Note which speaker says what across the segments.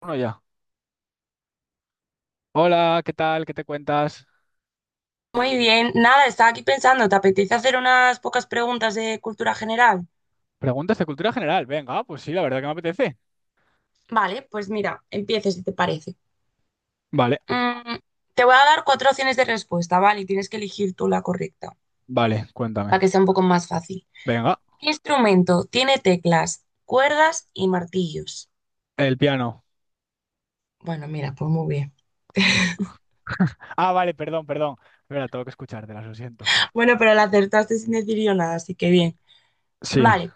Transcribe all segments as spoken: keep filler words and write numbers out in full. Speaker 1: Bueno, ya. Hola, ¿qué tal? ¿Qué te cuentas?
Speaker 2: Muy bien, nada, estaba aquí pensando, ¿te apetece hacer unas pocas preguntas de cultura general?
Speaker 1: Preguntas de cultura general. Venga, pues sí, la verdad que me apetece.
Speaker 2: Vale, pues mira, empieces si te parece.
Speaker 1: Vale,
Speaker 2: Mm, Te voy a dar cuatro opciones de respuesta, ¿vale? Y tienes que elegir tú la correcta,
Speaker 1: vale, cuéntame.
Speaker 2: para que sea un poco más fácil.
Speaker 1: Venga,
Speaker 2: ¿Qué instrumento tiene teclas, cuerdas y martillos?
Speaker 1: el piano.
Speaker 2: Bueno, mira, pues muy bien.
Speaker 1: Ah, vale, perdón, perdón. Espera, tengo que escuchártelas, lo siento.
Speaker 2: Bueno, pero la acertaste sin decir yo nada, así que bien.
Speaker 1: Sí,
Speaker 2: Vale,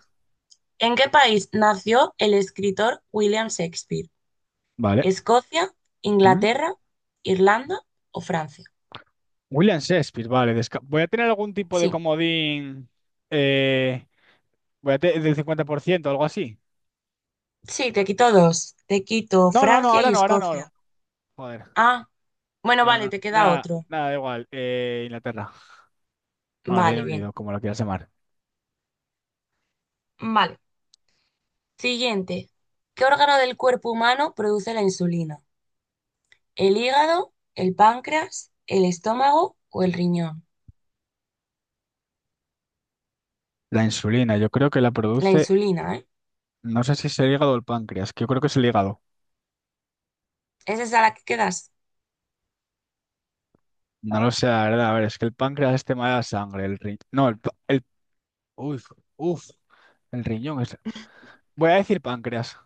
Speaker 2: ¿en qué país nació el escritor William Shakespeare?
Speaker 1: vale.
Speaker 2: ¿Escocia,
Speaker 1: ¿Mm?
Speaker 2: Inglaterra, Irlanda o Francia?
Speaker 1: William Shakespeare, vale. desca- Voy a tener algún tipo de
Speaker 2: Sí.
Speaker 1: comodín eh, voy a te- del cincuenta por ciento, algo así.
Speaker 2: Sí, te quito dos. Te quito
Speaker 1: No, no, no,
Speaker 2: Francia
Speaker 1: ahora
Speaker 2: y
Speaker 1: no, ahora no. No.
Speaker 2: Escocia.
Speaker 1: Joder.
Speaker 2: Ah, bueno,
Speaker 1: Bueno,
Speaker 2: vale,
Speaker 1: na-
Speaker 2: te queda
Speaker 1: nada,
Speaker 2: otro.
Speaker 1: nada, da igual. Eh, Inglaterra. Bueno, Reino
Speaker 2: Vale, bien.
Speaker 1: Unido, como lo quieras llamar.
Speaker 2: Vale. Siguiente. ¿Qué órgano del cuerpo humano produce la insulina? ¿El hígado, el páncreas, el estómago o el riñón?
Speaker 1: La insulina, yo creo que la
Speaker 2: La
Speaker 1: produce.
Speaker 2: insulina, ¿eh?
Speaker 1: No sé si es el hígado o el páncreas, que yo creo que es el hígado.
Speaker 2: ¿Es esa la que quedas?
Speaker 1: No lo sé, la verdad. A ver, es que el páncreas es tema de la sangre. El riñón. No, el, pa- el. Uf, uf, el riñón es. Voy a decir páncreas.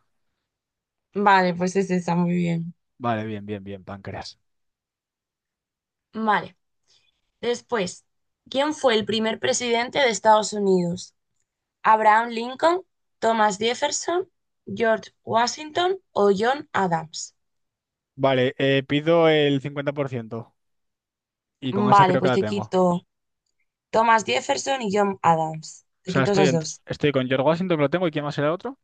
Speaker 2: Vale, pues es esa, muy bien.
Speaker 1: Vale, bien, bien, bien, páncreas.
Speaker 2: Vale. Después, ¿quién fue el primer presidente de Estados Unidos? ¿Abraham Lincoln, Thomas Jefferson, George Washington o John Adams?
Speaker 1: Vale, eh, pido el cincuenta por ciento. Y con esa
Speaker 2: Vale,
Speaker 1: creo que
Speaker 2: pues
Speaker 1: la
Speaker 2: te
Speaker 1: tengo.
Speaker 2: quito Thomas Jefferson y John Adams.
Speaker 1: O
Speaker 2: Te
Speaker 1: sea,
Speaker 2: quito
Speaker 1: estoy,
Speaker 2: esas
Speaker 1: en-
Speaker 2: dos.
Speaker 1: estoy con George Washington, que lo tengo. ¿Y quién más era el otro?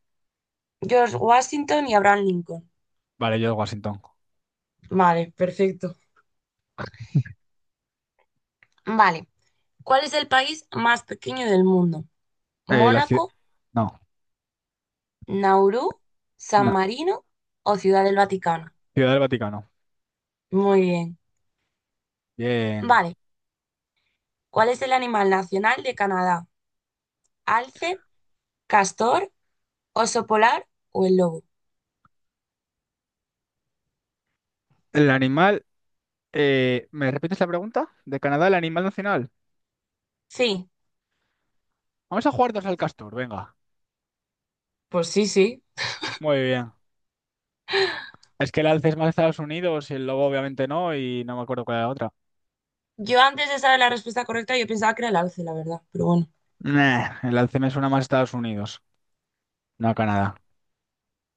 Speaker 2: George Washington y Abraham Lincoln.
Speaker 1: Vale, George Washington.
Speaker 2: Vale, perfecto. Vale. ¿Cuál es el país más pequeño del mundo?
Speaker 1: Eh, la ciudad.
Speaker 2: ¿Mónaco,
Speaker 1: No,
Speaker 2: Nauru, San
Speaker 1: no.
Speaker 2: Marino o Ciudad del Vaticano?
Speaker 1: Ciudad del Vaticano.
Speaker 2: Muy bien.
Speaker 1: Bien.
Speaker 2: Vale. ¿Cuál es el animal nacional de Canadá? ¿Alce, castor, oso polar o el lobo?
Speaker 1: El animal. eh, ¿me repites la pregunta? ¿De Canadá, el animal nacional?
Speaker 2: Sí.
Speaker 1: Vamos a jugar dos al castor, venga.
Speaker 2: Pues sí, sí.
Speaker 1: Muy bien. Es que el alce es más Estados Unidos y el lobo obviamente no, y no me acuerdo cuál era la otra.
Speaker 2: Yo antes de saber la respuesta correcta, yo pensaba que era el alce, la verdad, pero bueno.
Speaker 1: Nah, el alce me suena más a Estados Unidos, no a Canadá.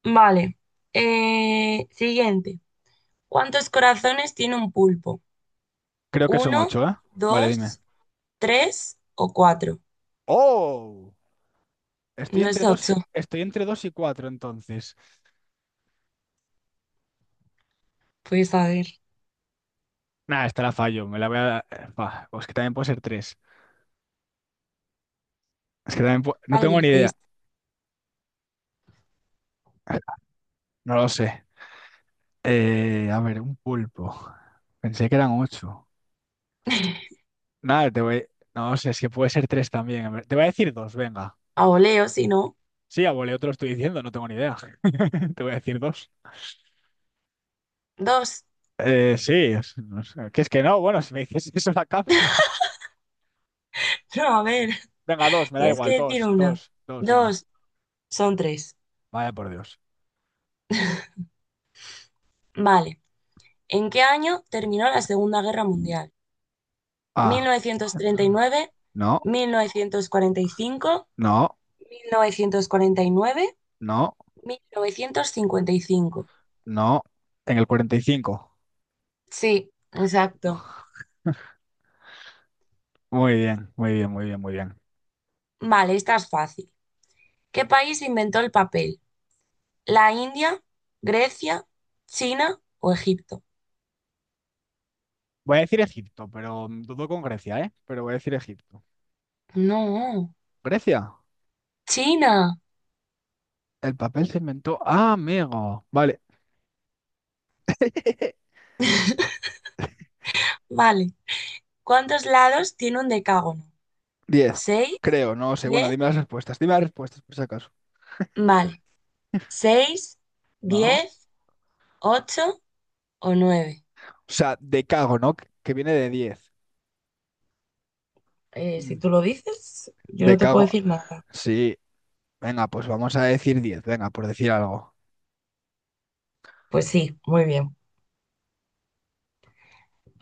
Speaker 2: Vale. Eh, siguiente. ¿Cuántos corazones tiene un pulpo?
Speaker 1: Creo que son
Speaker 2: ¿Uno,
Speaker 1: ocho, ¿eh? Vale, dime.
Speaker 2: dos, tres o cuatro?
Speaker 1: ¡Oh! Estoy
Speaker 2: No es
Speaker 1: entre dos
Speaker 2: ocho.
Speaker 1: y, estoy entre dos y cuatro, entonces.
Speaker 2: Pues a ver.
Speaker 1: Nah, esta la fallo, me la voy a... Buah, pues que también puede ser tres. Es que también pu- No
Speaker 2: ¿Cuál
Speaker 1: tengo ni
Speaker 2: dices?
Speaker 1: idea. No lo sé. Eh, a ver, un pulpo. Pensé que eran ocho. Nada, te voy... No sé, es que puede ser tres también. A ver, te voy a decir dos, venga.
Speaker 2: A voleo, si no.
Speaker 1: Sí, abuelo, yo te lo estoy diciendo, no tengo ni idea. Te voy a decir dos.
Speaker 2: Dos.
Speaker 1: Eh, sí, es- no sé, que es que no, bueno, si me dices eso la cambio.
Speaker 2: No, a ver.
Speaker 1: Venga, dos, me da
Speaker 2: Tienes que
Speaker 1: igual,
Speaker 2: decir
Speaker 1: dos,
Speaker 2: una.
Speaker 1: dos, dos, venga.
Speaker 2: Dos. Son tres.
Speaker 1: Vaya por Dios.
Speaker 2: Vale. ¿En qué año terminó la Segunda Guerra Mundial? Mil mil mil mil
Speaker 1: Ah,
Speaker 2: novecientos
Speaker 1: entonces- no,
Speaker 2: novecientos
Speaker 1: no,
Speaker 2: novecientos treinta y y y nueve, nueve,
Speaker 1: no,
Speaker 2: cuarenta cuarenta y cinco, mil novecientos cuarenta y nueve, mil novecientos cincuenta y cinco.
Speaker 1: no. En el cuarenta y cinco.
Speaker 2: Sí, exacto.
Speaker 1: Muy bien, muy bien, muy bien, muy bien.
Speaker 2: Vale, esta es fácil. ¿Qué país inventó el papel? ¿La India, Grecia, China o Egipto?
Speaker 1: Voy a decir Egipto, pero mm, dudo con Grecia, ¿eh? Pero voy a decir Egipto.
Speaker 2: No,
Speaker 1: Grecia,
Speaker 2: China.
Speaker 1: el papel se inventó. Ah, amigo. Vale.
Speaker 2: Vale. ¿Cuántos lados tiene un decágono?
Speaker 1: Diez,
Speaker 2: ¿Seis?
Speaker 1: creo, no sé. Bueno,
Speaker 2: ¿Diez?
Speaker 1: dime las respuestas, dime las respuestas por si acaso.
Speaker 2: Vale. ¿Seis,
Speaker 1: No.
Speaker 2: diez, ocho o nueve?
Speaker 1: O sea, de cago, ¿no? Que viene de diez.
Speaker 2: Eh, si
Speaker 1: Mm.
Speaker 2: tú lo dices, yo
Speaker 1: De
Speaker 2: no te puedo
Speaker 1: cago.
Speaker 2: decir nada.
Speaker 1: Sí. Venga, pues vamos a decir diez. Venga, por decir algo.
Speaker 2: Pues sí, muy bien.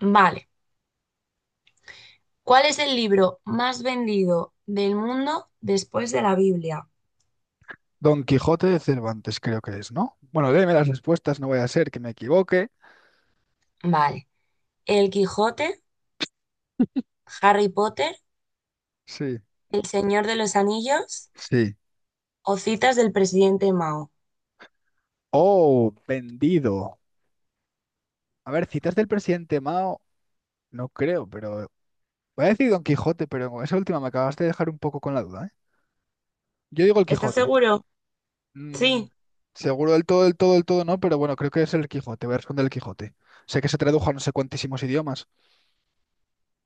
Speaker 2: Vale. ¿Cuál es el libro más vendido del mundo después de la Biblia?
Speaker 1: Don Quijote de Cervantes, creo que es, ¿no? Bueno, déme las respuestas, no voy a ser que me equivoque.
Speaker 2: Vale. El Quijote, Harry Potter,
Speaker 1: Sí,
Speaker 2: El Señor de los Anillos
Speaker 1: sí.
Speaker 2: o Citas del presidente Mao.
Speaker 1: Oh, vendido. A ver, citas del presidente Mao, no creo, pero. Voy a decir Don Quijote, pero con esa última me acabaste de dejar un poco con la duda, ¿eh? Yo digo el
Speaker 2: ¿Estás
Speaker 1: Quijote.
Speaker 2: seguro?
Speaker 1: Mm,
Speaker 2: Sí.
Speaker 1: seguro del todo, del todo, del todo no, pero bueno, creo que es el Quijote. Voy a responder el Quijote. Sé que se tradujo a no sé cuantísimos idiomas.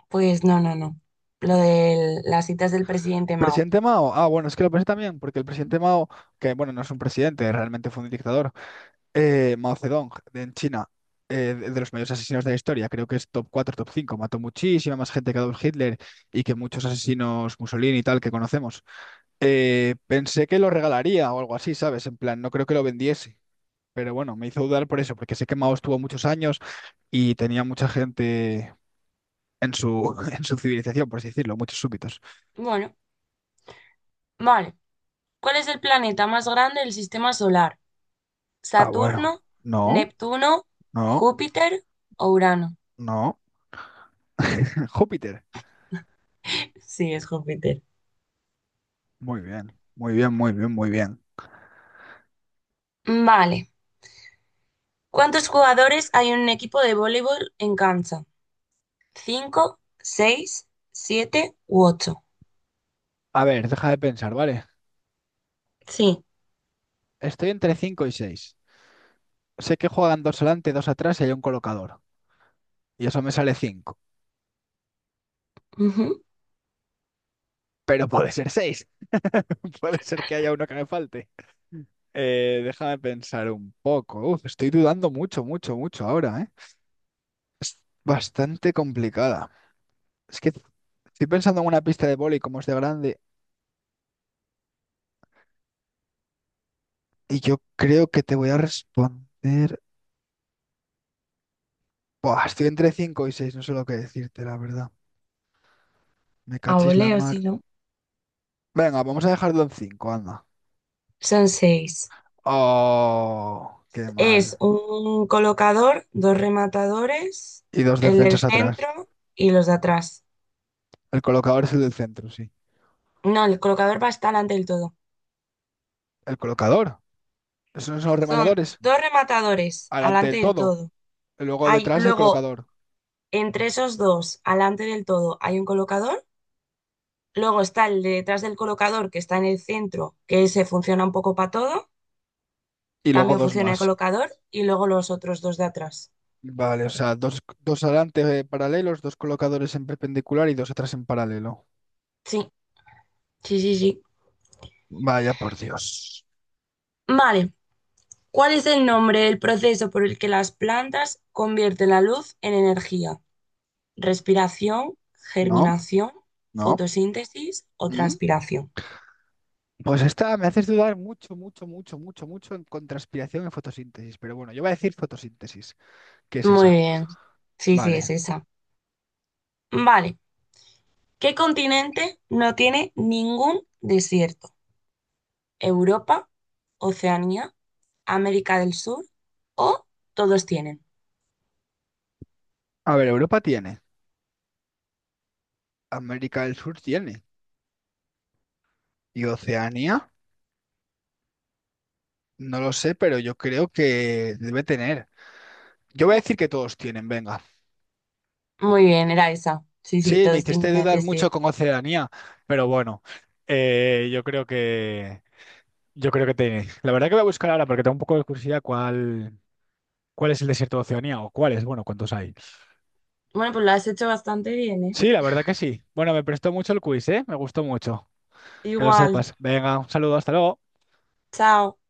Speaker 2: Pues no, no, no. Lo de las citas del presidente Mao.
Speaker 1: Presidente Mao, ah, bueno, es que lo pensé también, porque el presidente Mao, que bueno, no es un presidente, realmente fue un dictador, eh, Mao Zedong, de- en China, eh, de, de los mayores asesinos de la historia, creo que es top cuatro, top cinco. Mató muchísima más gente que Adolf Hitler y que muchos asesinos Mussolini y tal que conocemos. Eh, pensé que lo regalaría o algo así, ¿sabes? En plan, no creo que lo vendiese, pero bueno, me hizo dudar por eso, porque sé que Mao estuvo muchos años y tenía mucha gente en su, en su civilización, por así decirlo, muchos súbitos.
Speaker 2: Bueno, vale. ¿Cuál es el planeta más grande del sistema solar?
Speaker 1: Ah, bueno,
Speaker 2: ¿Saturno,
Speaker 1: no.
Speaker 2: Neptuno,
Speaker 1: No.
Speaker 2: Júpiter o Urano?
Speaker 1: No, Júpiter.
Speaker 2: Sí, es Júpiter.
Speaker 1: Muy bien, muy bien, muy bien, muy bien.
Speaker 2: Vale. ¿Cuántos jugadores hay en un equipo de voleibol en cancha? ¿Cinco, seis, siete u ocho?
Speaker 1: A ver, deja de pensar, ¿vale?
Speaker 2: Sí.
Speaker 1: Estoy entre cinco y seis. Sé que juegan dos adelante, dos atrás y hay un colocador. Y eso me sale cinco.
Speaker 2: Ujú.
Speaker 1: Pero puede ser seis. Puede ser que haya uno que me falte. Eh, déjame pensar un poco. Uf, estoy dudando mucho, mucho, mucho ahora, ¿eh? Es bastante complicada. Es que estoy pensando en una pista de vóley como es de grande y yo creo que te voy a responder. Buah, estoy entre cinco y seis, no sé lo que decirte, la verdad. Me
Speaker 2: A
Speaker 1: cachis la
Speaker 2: voleo, si
Speaker 1: mar.
Speaker 2: no.
Speaker 1: Venga, vamos a dejarlo en cinco, anda.
Speaker 2: Son seis.
Speaker 1: Oh, qué
Speaker 2: Es
Speaker 1: mal.
Speaker 2: un colocador, dos rematadores,
Speaker 1: Y dos
Speaker 2: el del
Speaker 1: defensas atrás.
Speaker 2: centro y los de atrás.
Speaker 1: El colocador es el del centro, sí.
Speaker 2: No, el colocador va hasta delante del todo.
Speaker 1: ¿El colocador? ¿Esos no son los
Speaker 2: Son
Speaker 1: rematadores?
Speaker 2: dos rematadores
Speaker 1: Adelante
Speaker 2: alante
Speaker 1: del
Speaker 2: del
Speaker 1: todo.
Speaker 2: todo.
Speaker 1: Y luego
Speaker 2: Hay
Speaker 1: detrás el
Speaker 2: luego,
Speaker 1: colocador.
Speaker 2: entre esos dos, alante del todo, hay un colocador. Luego está el de detrás del colocador, que está en el centro, que se funciona un poco para todo.
Speaker 1: Y luego
Speaker 2: También
Speaker 1: dos
Speaker 2: funciona el
Speaker 1: más.
Speaker 2: colocador. Y luego los otros dos de atrás.
Speaker 1: Vale, o sea, dos, dos adelante, eh, paralelos, dos colocadores en perpendicular y dos atrás en paralelo.
Speaker 2: Sí, sí, sí, sí.
Speaker 1: Vaya por Dios.
Speaker 2: Vale. ¿Cuál es el nombre del proceso por el que las plantas convierten la luz en energía? ¿Respiración,
Speaker 1: ¿No?
Speaker 2: germinación,
Speaker 1: ¿No?
Speaker 2: fotosíntesis o
Speaker 1: ¿Mm?
Speaker 2: transpiración?
Speaker 1: Pues esta me haces dudar mucho, mucho, mucho, mucho, mucho en contraspiración en fotosíntesis. Pero bueno, yo voy a decir fotosíntesis. ¿Qué es
Speaker 2: Muy
Speaker 1: esa?
Speaker 2: bien. Sí, sí, es
Speaker 1: Vale.
Speaker 2: esa. Vale. ¿Qué continente no tiene ningún desierto? ¿Europa, Oceanía, América del Sur o todos tienen?
Speaker 1: A ver, Europa tiene, América del Sur tiene y Oceanía, no lo sé, pero yo creo que debe tener. Yo voy a decir que todos tienen, venga.
Speaker 2: Muy bien, era esa. Sí, sí,
Speaker 1: Sí, me
Speaker 2: todos tienen
Speaker 1: hiciste dudar mucho con
Speaker 2: desierto.
Speaker 1: Oceanía, pero bueno, eh, yo creo que yo creo que tiene. La verdad que voy a buscar ahora porque tengo un poco de curiosidad cuál cuál es el desierto de Oceanía o cuáles, bueno, cuántos hay.
Speaker 2: Bueno, pues lo has hecho bastante bien, ¿eh?
Speaker 1: Sí, la verdad que sí. Bueno, me prestó mucho el quiz, ¿eh? Me gustó mucho. Que lo
Speaker 2: Igual.
Speaker 1: sepas. Venga, un saludo, hasta luego.
Speaker 2: Chao.